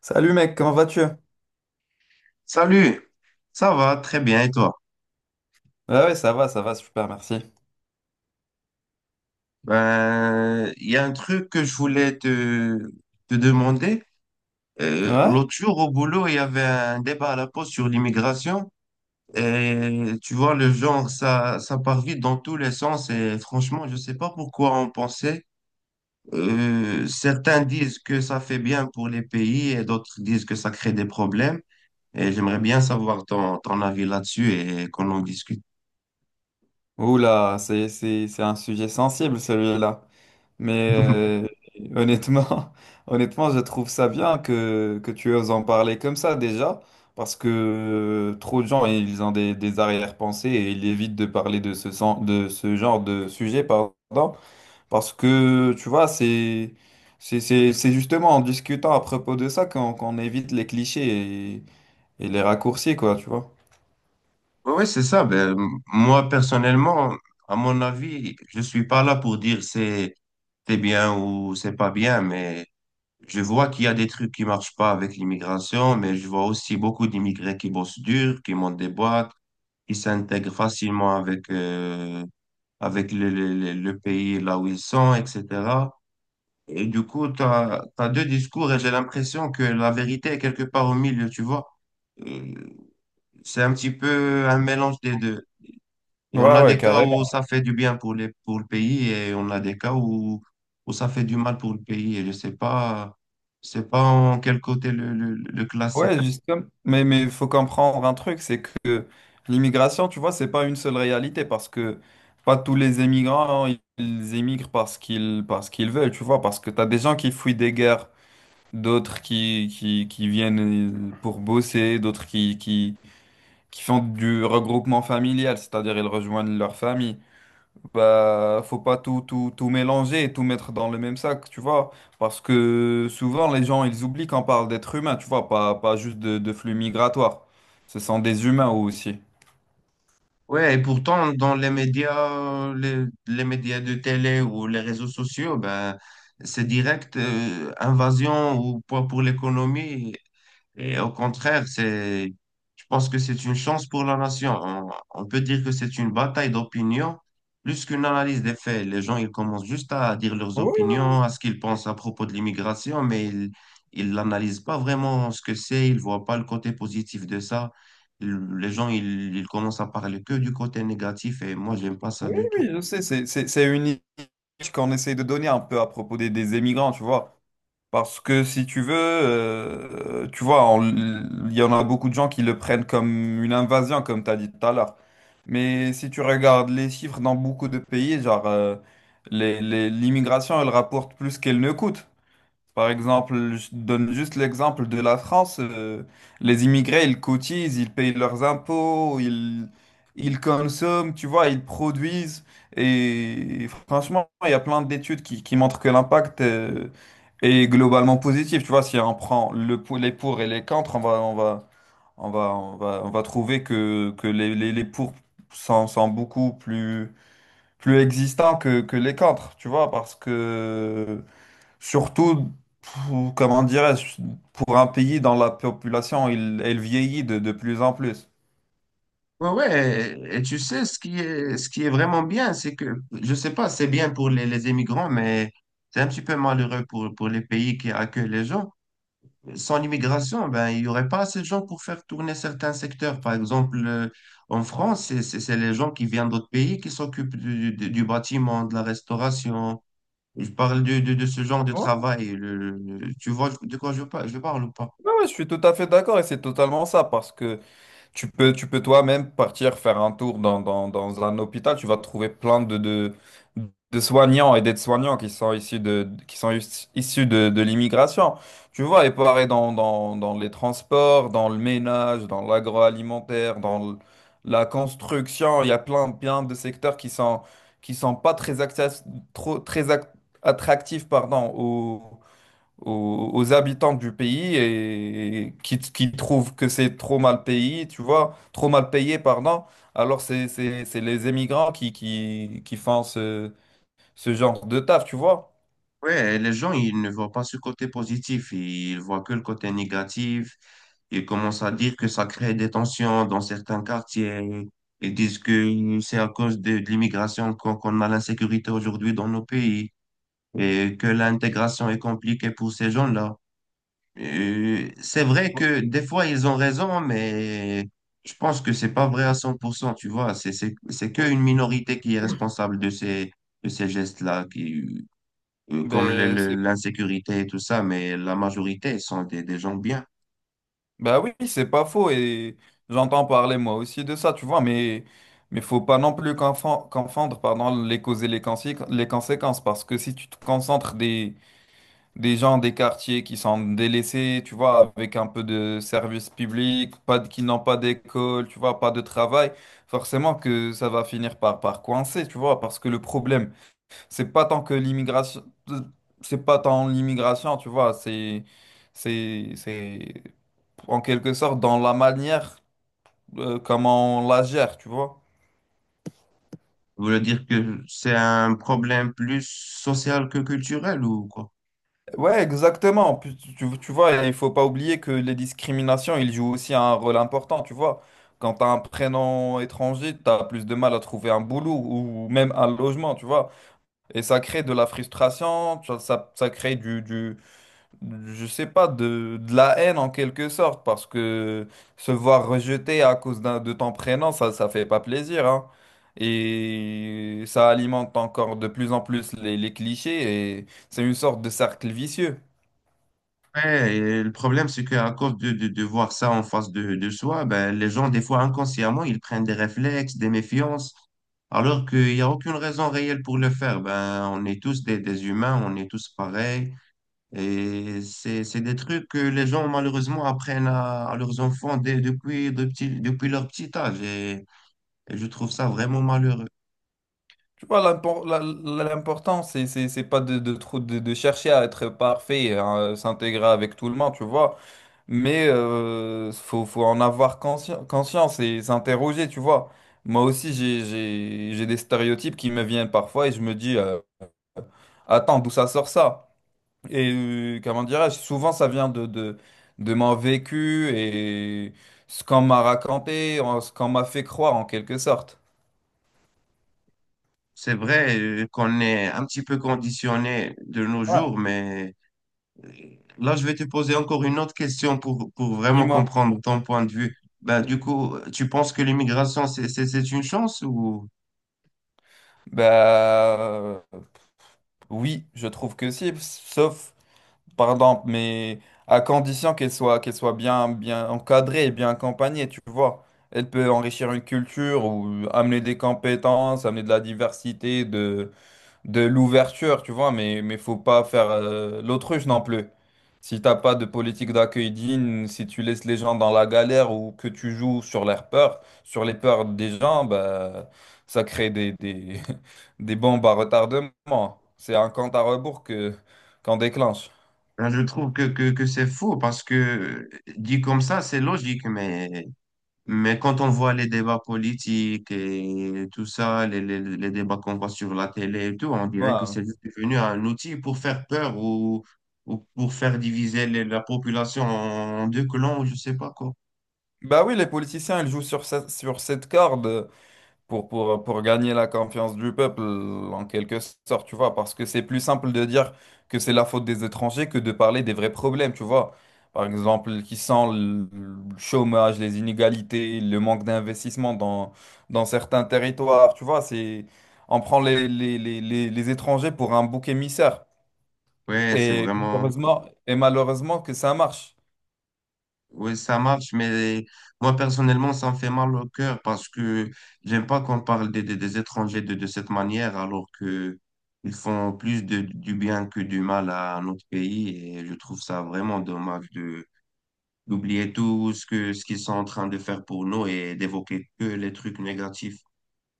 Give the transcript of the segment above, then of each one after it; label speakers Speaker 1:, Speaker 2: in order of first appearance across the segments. Speaker 1: Salut mec, comment vas-tu?
Speaker 2: Salut, ça va très bien et toi?
Speaker 1: Ah ouais, ça va, super, merci.
Speaker 2: Ben, il y a un truc que je voulais te demander.
Speaker 1: Ouais?
Speaker 2: L'autre jour au boulot, il y avait un débat à la pause sur l'immigration. Et tu vois, le genre, ça part vite dans tous les sens. Et franchement, je ne sais pas pourquoi on pensait. Certains disent que ça fait bien pour les pays et d'autres disent que ça crée des problèmes. Et j'aimerais bien savoir ton avis là-dessus et qu'on en discute.
Speaker 1: Oula, c'est un sujet sensible celui-là. Mais honnêtement, honnêtement, je trouve ça bien que tu oses en parler comme ça déjà, parce que trop de gens, ils ont des arrière-pensées et ils évitent de parler de de ce genre de sujet, pardon, parce que, tu vois, c'est... C'est justement en discutant à propos de ça qu'on évite les clichés et, et les raccourcis, quoi, tu vois.
Speaker 2: Oui, oui, c'est ça. Ben, moi, personnellement, à mon avis, je suis pas là pour dire c'est bien ou c'est pas bien, mais je vois qu'il y a des trucs qui marchent pas avec l'immigration, mais je vois aussi beaucoup d'immigrés qui bossent dur, qui montent des boîtes, qui s'intègrent facilement avec, avec le pays là où ils sont, etc. Et du coup, tu as, deux discours et j'ai l'impression que la vérité est quelque part au milieu, tu vois. Euh, C'est un petit peu un mélange des deux. Et on
Speaker 1: Ouais,
Speaker 2: a
Speaker 1: ouais,
Speaker 2: des cas où
Speaker 1: carrément.
Speaker 2: ça fait du bien pour pour le pays et on a des cas où, où ça fait du mal pour le pays. Et je sais pas en quel côté le classer.
Speaker 1: Ouais, justement. Mais il faut comprendre un truc, c'est que l'immigration, tu vois, c'est pas une seule réalité parce que pas tous les émigrants, ils émigrent parce qu'ils veulent, tu vois, parce que t'as des gens qui fuient des guerres, d'autres qui viennent pour bosser, d'autres qui font du regroupement familial, c'est-à-dire ils rejoignent leur famille. Bah, faut pas tout mélanger et tout mettre dans le même sac, tu vois. Parce que souvent, les gens, ils oublient qu'on parle d'êtres humains, tu vois, pas, pas juste de flux migratoires. Ce sont des humains aussi.
Speaker 2: Ouais, et pourtant, dans les médias, les médias de télé ou les réseaux sociaux, ben, c'est direct, invasion ou poids pour l'économie. Et au contraire, c'est, je pense que c'est une chance pour la nation. On peut dire que c'est une bataille d'opinion plus qu'une analyse des faits. Les gens, ils commencent juste à dire leurs
Speaker 1: Oui,
Speaker 2: opinions, à ce qu'ils pensent à propos de l'immigration, mais ils n'analysent pas vraiment ce que c'est, ils voient pas le côté positif de ça. Les gens, ils commencent à parler que du côté négatif et moi, j'aime pas ça
Speaker 1: oui,
Speaker 2: du
Speaker 1: oui,
Speaker 2: tout.
Speaker 1: oui, je sais, c'est une image qu'on essaie de donner un peu à propos des émigrants, tu vois. Parce que si tu veux, tu vois, on- il y en a beaucoup de gens qui le prennent comme une invasion, comme tu as dit tout à l'heure. Mais si tu regardes les chiffres dans beaucoup de pays, genre, l'immigration, elle rapporte plus qu'elle ne coûte. Par exemple, je donne juste l'exemple de la France. Les immigrés, ils cotisent, ils payent leurs impôts, ils consomment, tu vois, ils produisent. Et franchement, il y a plein d'études qui montrent que l'impact est globalement positif. Tu vois, si on prend les pour et les contre, on va trouver que les pour sont beaucoup plus existants que les contre, tu vois, parce que... Surtout, comment dirais-je, pour un pays dans la population, il, elle vieillit de plus en plus.
Speaker 2: Ouais, ouais, et tu sais, ce qui est vraiment bien, c'est que, je sais pas, c'est bien pour les immigrants, mais c'est un petit peu malheureux pour les pays qui accueillent les gens. Sans l'immigration, ben, il y aurait pas assez de gens pour faire tourner certains secteurs. Par exemple, en France, c'est les gens qui viennent d'autres pays qui s'occupent du bâtiment, de la restauration. Je parle de ce genre de
Speaker 1: Ouais.
Speaker 2: travail. Tu vois de quoi je, je parle ou pas?
Speaker 1: Ouais, ouais, je suis tout à fait d'accord et c'est totalement ça parce que tu peux toi-même partir faire un tour dans un hôpital. Tu vas trouver plein de soignants et d'aides-soignants qui sont issus de l'immigration. Tu vois, et pareil dans les transports, dans le ménage, dans l'agroalimentaire, la construction. Il y a plein de secteurs qui sont pas trop, très ac- attractifs, pardon, aux habitants du pays et qui trouvent que c'est trop mal payé, tu vois, trop mal payé, pardon. Alors c'est les émigrants qui font ce genre de taf, tu vois.
Speaker 2: Ouais, les gens, ils ne voient pas ce côté positif, ils voient que le côté négatif. Ils commencent à dire que ça crée des tensions dans certains quartiers. Ils disent que c'est à cause de l'immigration qu'on a l'insécurité aujourd'hui dans nos pays et que l'intégration est compliquée pour ces gens-là. C'est vrai que des fois, ils ont raison, mais je pense que c'est pas vrai à 100%, tu vois. C'est qu'une minorité qui est responsable de ces gestes-là. Qui, comme
Speaker 1: Ben, c'est,
Speaker 2: l'insécurité et tout ça, mais la majorité sont des gens bien.
Speaker 1: ben oui, c'est pas faux et j'entends parler moi aussi de ça, tu vois, mais faut pas non plus confondre pardon, les causes et les conséquences parce que si tu te concentres des gens des quartiers qui sont délaissés, tu vois, avec un peu de service public, pas de, qui n'ont pas d'école, tu vois, pas de travail, forcément que ça va finir par coincer, tu vois, parce que le problème, c'est pas tant que l'immigration, c'est pas tant l'immigration, tu vois, c'est en quelque sorte dans la manière, comment on la gère, tu vois.
Speaker 2: Vous voulez dire que c'est un problème plus social que culturel ou quoi?
Speaker 1: Ouais, exactement. Puis tu vois, il faut pas oublier que les discriminations, ils jouent aussi un rôle important, tu vois. Quand tu as un prénom étranger, tu as plus de mal à trouver un boulot ou même un logement, tu vois. Et ça crée de la frustration, ça crée je sais pas, de la haine en quelque sorte, parce que se voir rejeté à cause de ton prénom, ça fait pas plaisir, hein. Et ça alimente encore de plus en plus les clichés et c'est une sorte de cercle vicieux.
Speaker 2: Ouais, et le problème, c'est qu'à cause de voir ça en face de soi, ben, les gens, des fois inconsciemment, ils prennent des réflexes, des méfiances, alors qu'il n'y a aucune raison réelle pour le faire. Ben, on est tous des humains, on est tous pareils. Et c'est des trucs que les gens, malheureusement, apprennent à leurs enfants depuis, depuis leur petit âge. Et je trouve ça vraiment malheureux.
Speaker 1: Tu vois, l'important, c'est pas de chercher à être parfait, à s'intégrer avec tout le monde, tu vois. Mais faut en avoir conscience et s'interroger, tu vois. Moi aussi, j'ai des stéréotypes qui me viennent parfois et je me dis, attends, d'où ça sort ça? Et comment dirais-je? Souvent, ça vient de mon vécu et ce qu'on m'a raconté, ce qu'on m'a fait croire en quelque sorte.
Speaker 2: C'est vrai qu'on est un petit peu conditionné de nos
Speaker 1: Ouais.
Speaker 2: jours, mais euh, là, je vais te poser encore une autre question pour vraiment
Speaker 1: Dis-moi.
Speaker 2: comprendre ton point de vue. Ben, du coup, tu penses que l'immigration, c'est une chance ou...
Speaker 1: Bah, oui, je trouve que si, sauf, pardon, mais à condition qu'elle soit bien encadrée et bien accompagnée, tu vois. Elle peut enrichir une culture ou amener des compétences, amener de la diversité, de l'ouverture, tu vois, mais faut pas faire l'autruche non plus. Si t'as pas de politique d'accueil digne, si tu laisses les gens dans la galère ou que tu joues sur leurs peurs, sur les peurs des gens, bah, ça crée des bombes à retardement. C'est un compte à rebours que qu'on déclenche.
Speaker 2: Ben, je trouve que c'est faux parce que dit comme ça, c'est logique, mais quand on voit les débats politiques et tout ça, les débats qu'on voit sur la télé et tout, on dirait que
Speaker 1: Ouais.
Speaker 2: c'est juste devenu un outil pour faire peur ou pour faire diviser la population en deux clans ou je sais pas quoi.
Speaker 1: Bah oui, les politiciens, ils jouent sur cette corde pour gagner la confiance du peuple, en quelque sorte, tu vois, parce que c'est plus simple de dire que c'est la faute des étrangers que de parler des vrais problèmes, tu vois. Par exemple, qui sont le chômage, les inégalités, le manque d'investissement dans certains territoires, tu vois, c'est, on prend les étrangers pour un bouc émissaire.
Speaker 2: Ouais, c'est vraiment...
Speaker 1: Et malheureusement que ça marche.
Speaker 2: Ouais, ça marche, mais moi personnellement, ça me fait mal au cœur parce que j'aime pas qu'on parle des étrangers de cette manière alors que ils font plus de, du bien que du mal à notre pays et je trouve ça vraiment dommage de d'oublier tout ce que, ce qu'ils sont en train de faire pour nous et d'évoquer que les trucs négatifs.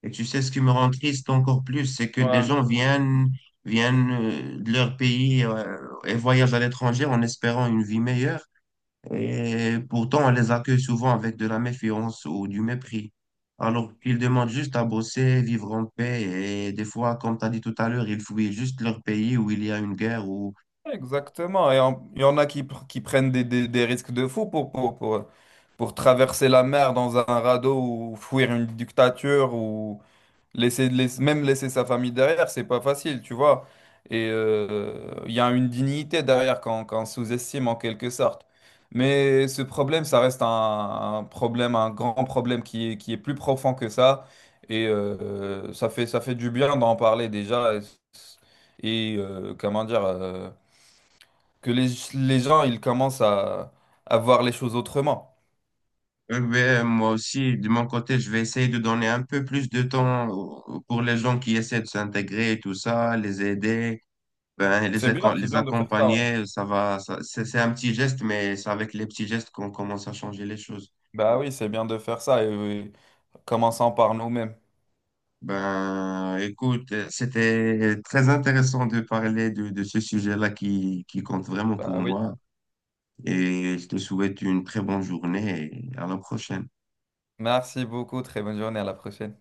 Speaker 2: Et tu sais, ce qui me rend triste encore plus, c'est que des
Speaker 1: Ouais.
Speaker 2: gens viennent de leur pays et voyagent à l'étranger en espérant une vie meilleure. Et pourtant, on les accueille souvent avec de la méfiance ou du mépris. Alors qu'ils demandent juste à bosser, vivre en paix. Et des fois, comme tu as dit tout à l'heure, ils fuient juste leur pays où il y a une guerre ou
Speaker 1: Exactement. Et il y en a qui prennent des risques de fou pour traverser la mer dans un radeau ou fuir une dictature ou même laisser sa famille derrière, c'est pas facile, tu vois. Et il y a une dignité derrière qu'on sous-estime en quelque sorte. Mais ce problème, ça reste un problème, un grand problème qui est plus profond que ça. Et ça fait du bien d'en parler déjà. Et, comment dire, que les gens, ils commencent à voir les choses autrement.
Speaker 2: Ouais, moi aussi, de mon côté, je vais essayer de donner un peu plus de temps pour les gens qui essaient de s'intégrer et tout ça, les aider, ben,
Speaker 1: C'est
Speaker 2: les
Speaker 1: bien de faire ça, ouais.
Speaker 2: accompagner. Ça va, c'est un petit geste, mais c'est avec les petits gestes qu'on commence à changer les choses.
Speaker 1: Bah oui, c'est bien de faire ça. Et, oui, commençons par nous-mêmes.
Speaker 2: Ben, écoute, c'était très intéressant de parler de ce sujet-là qui compte vraiment pour
Speaker 1: Bah oui.
Speaker 2: moi. Et je te souhaite une très bonne journée et à la prochaine.
Speaker 1: Merci beaucoup. Très bonne journée. À la prochaine.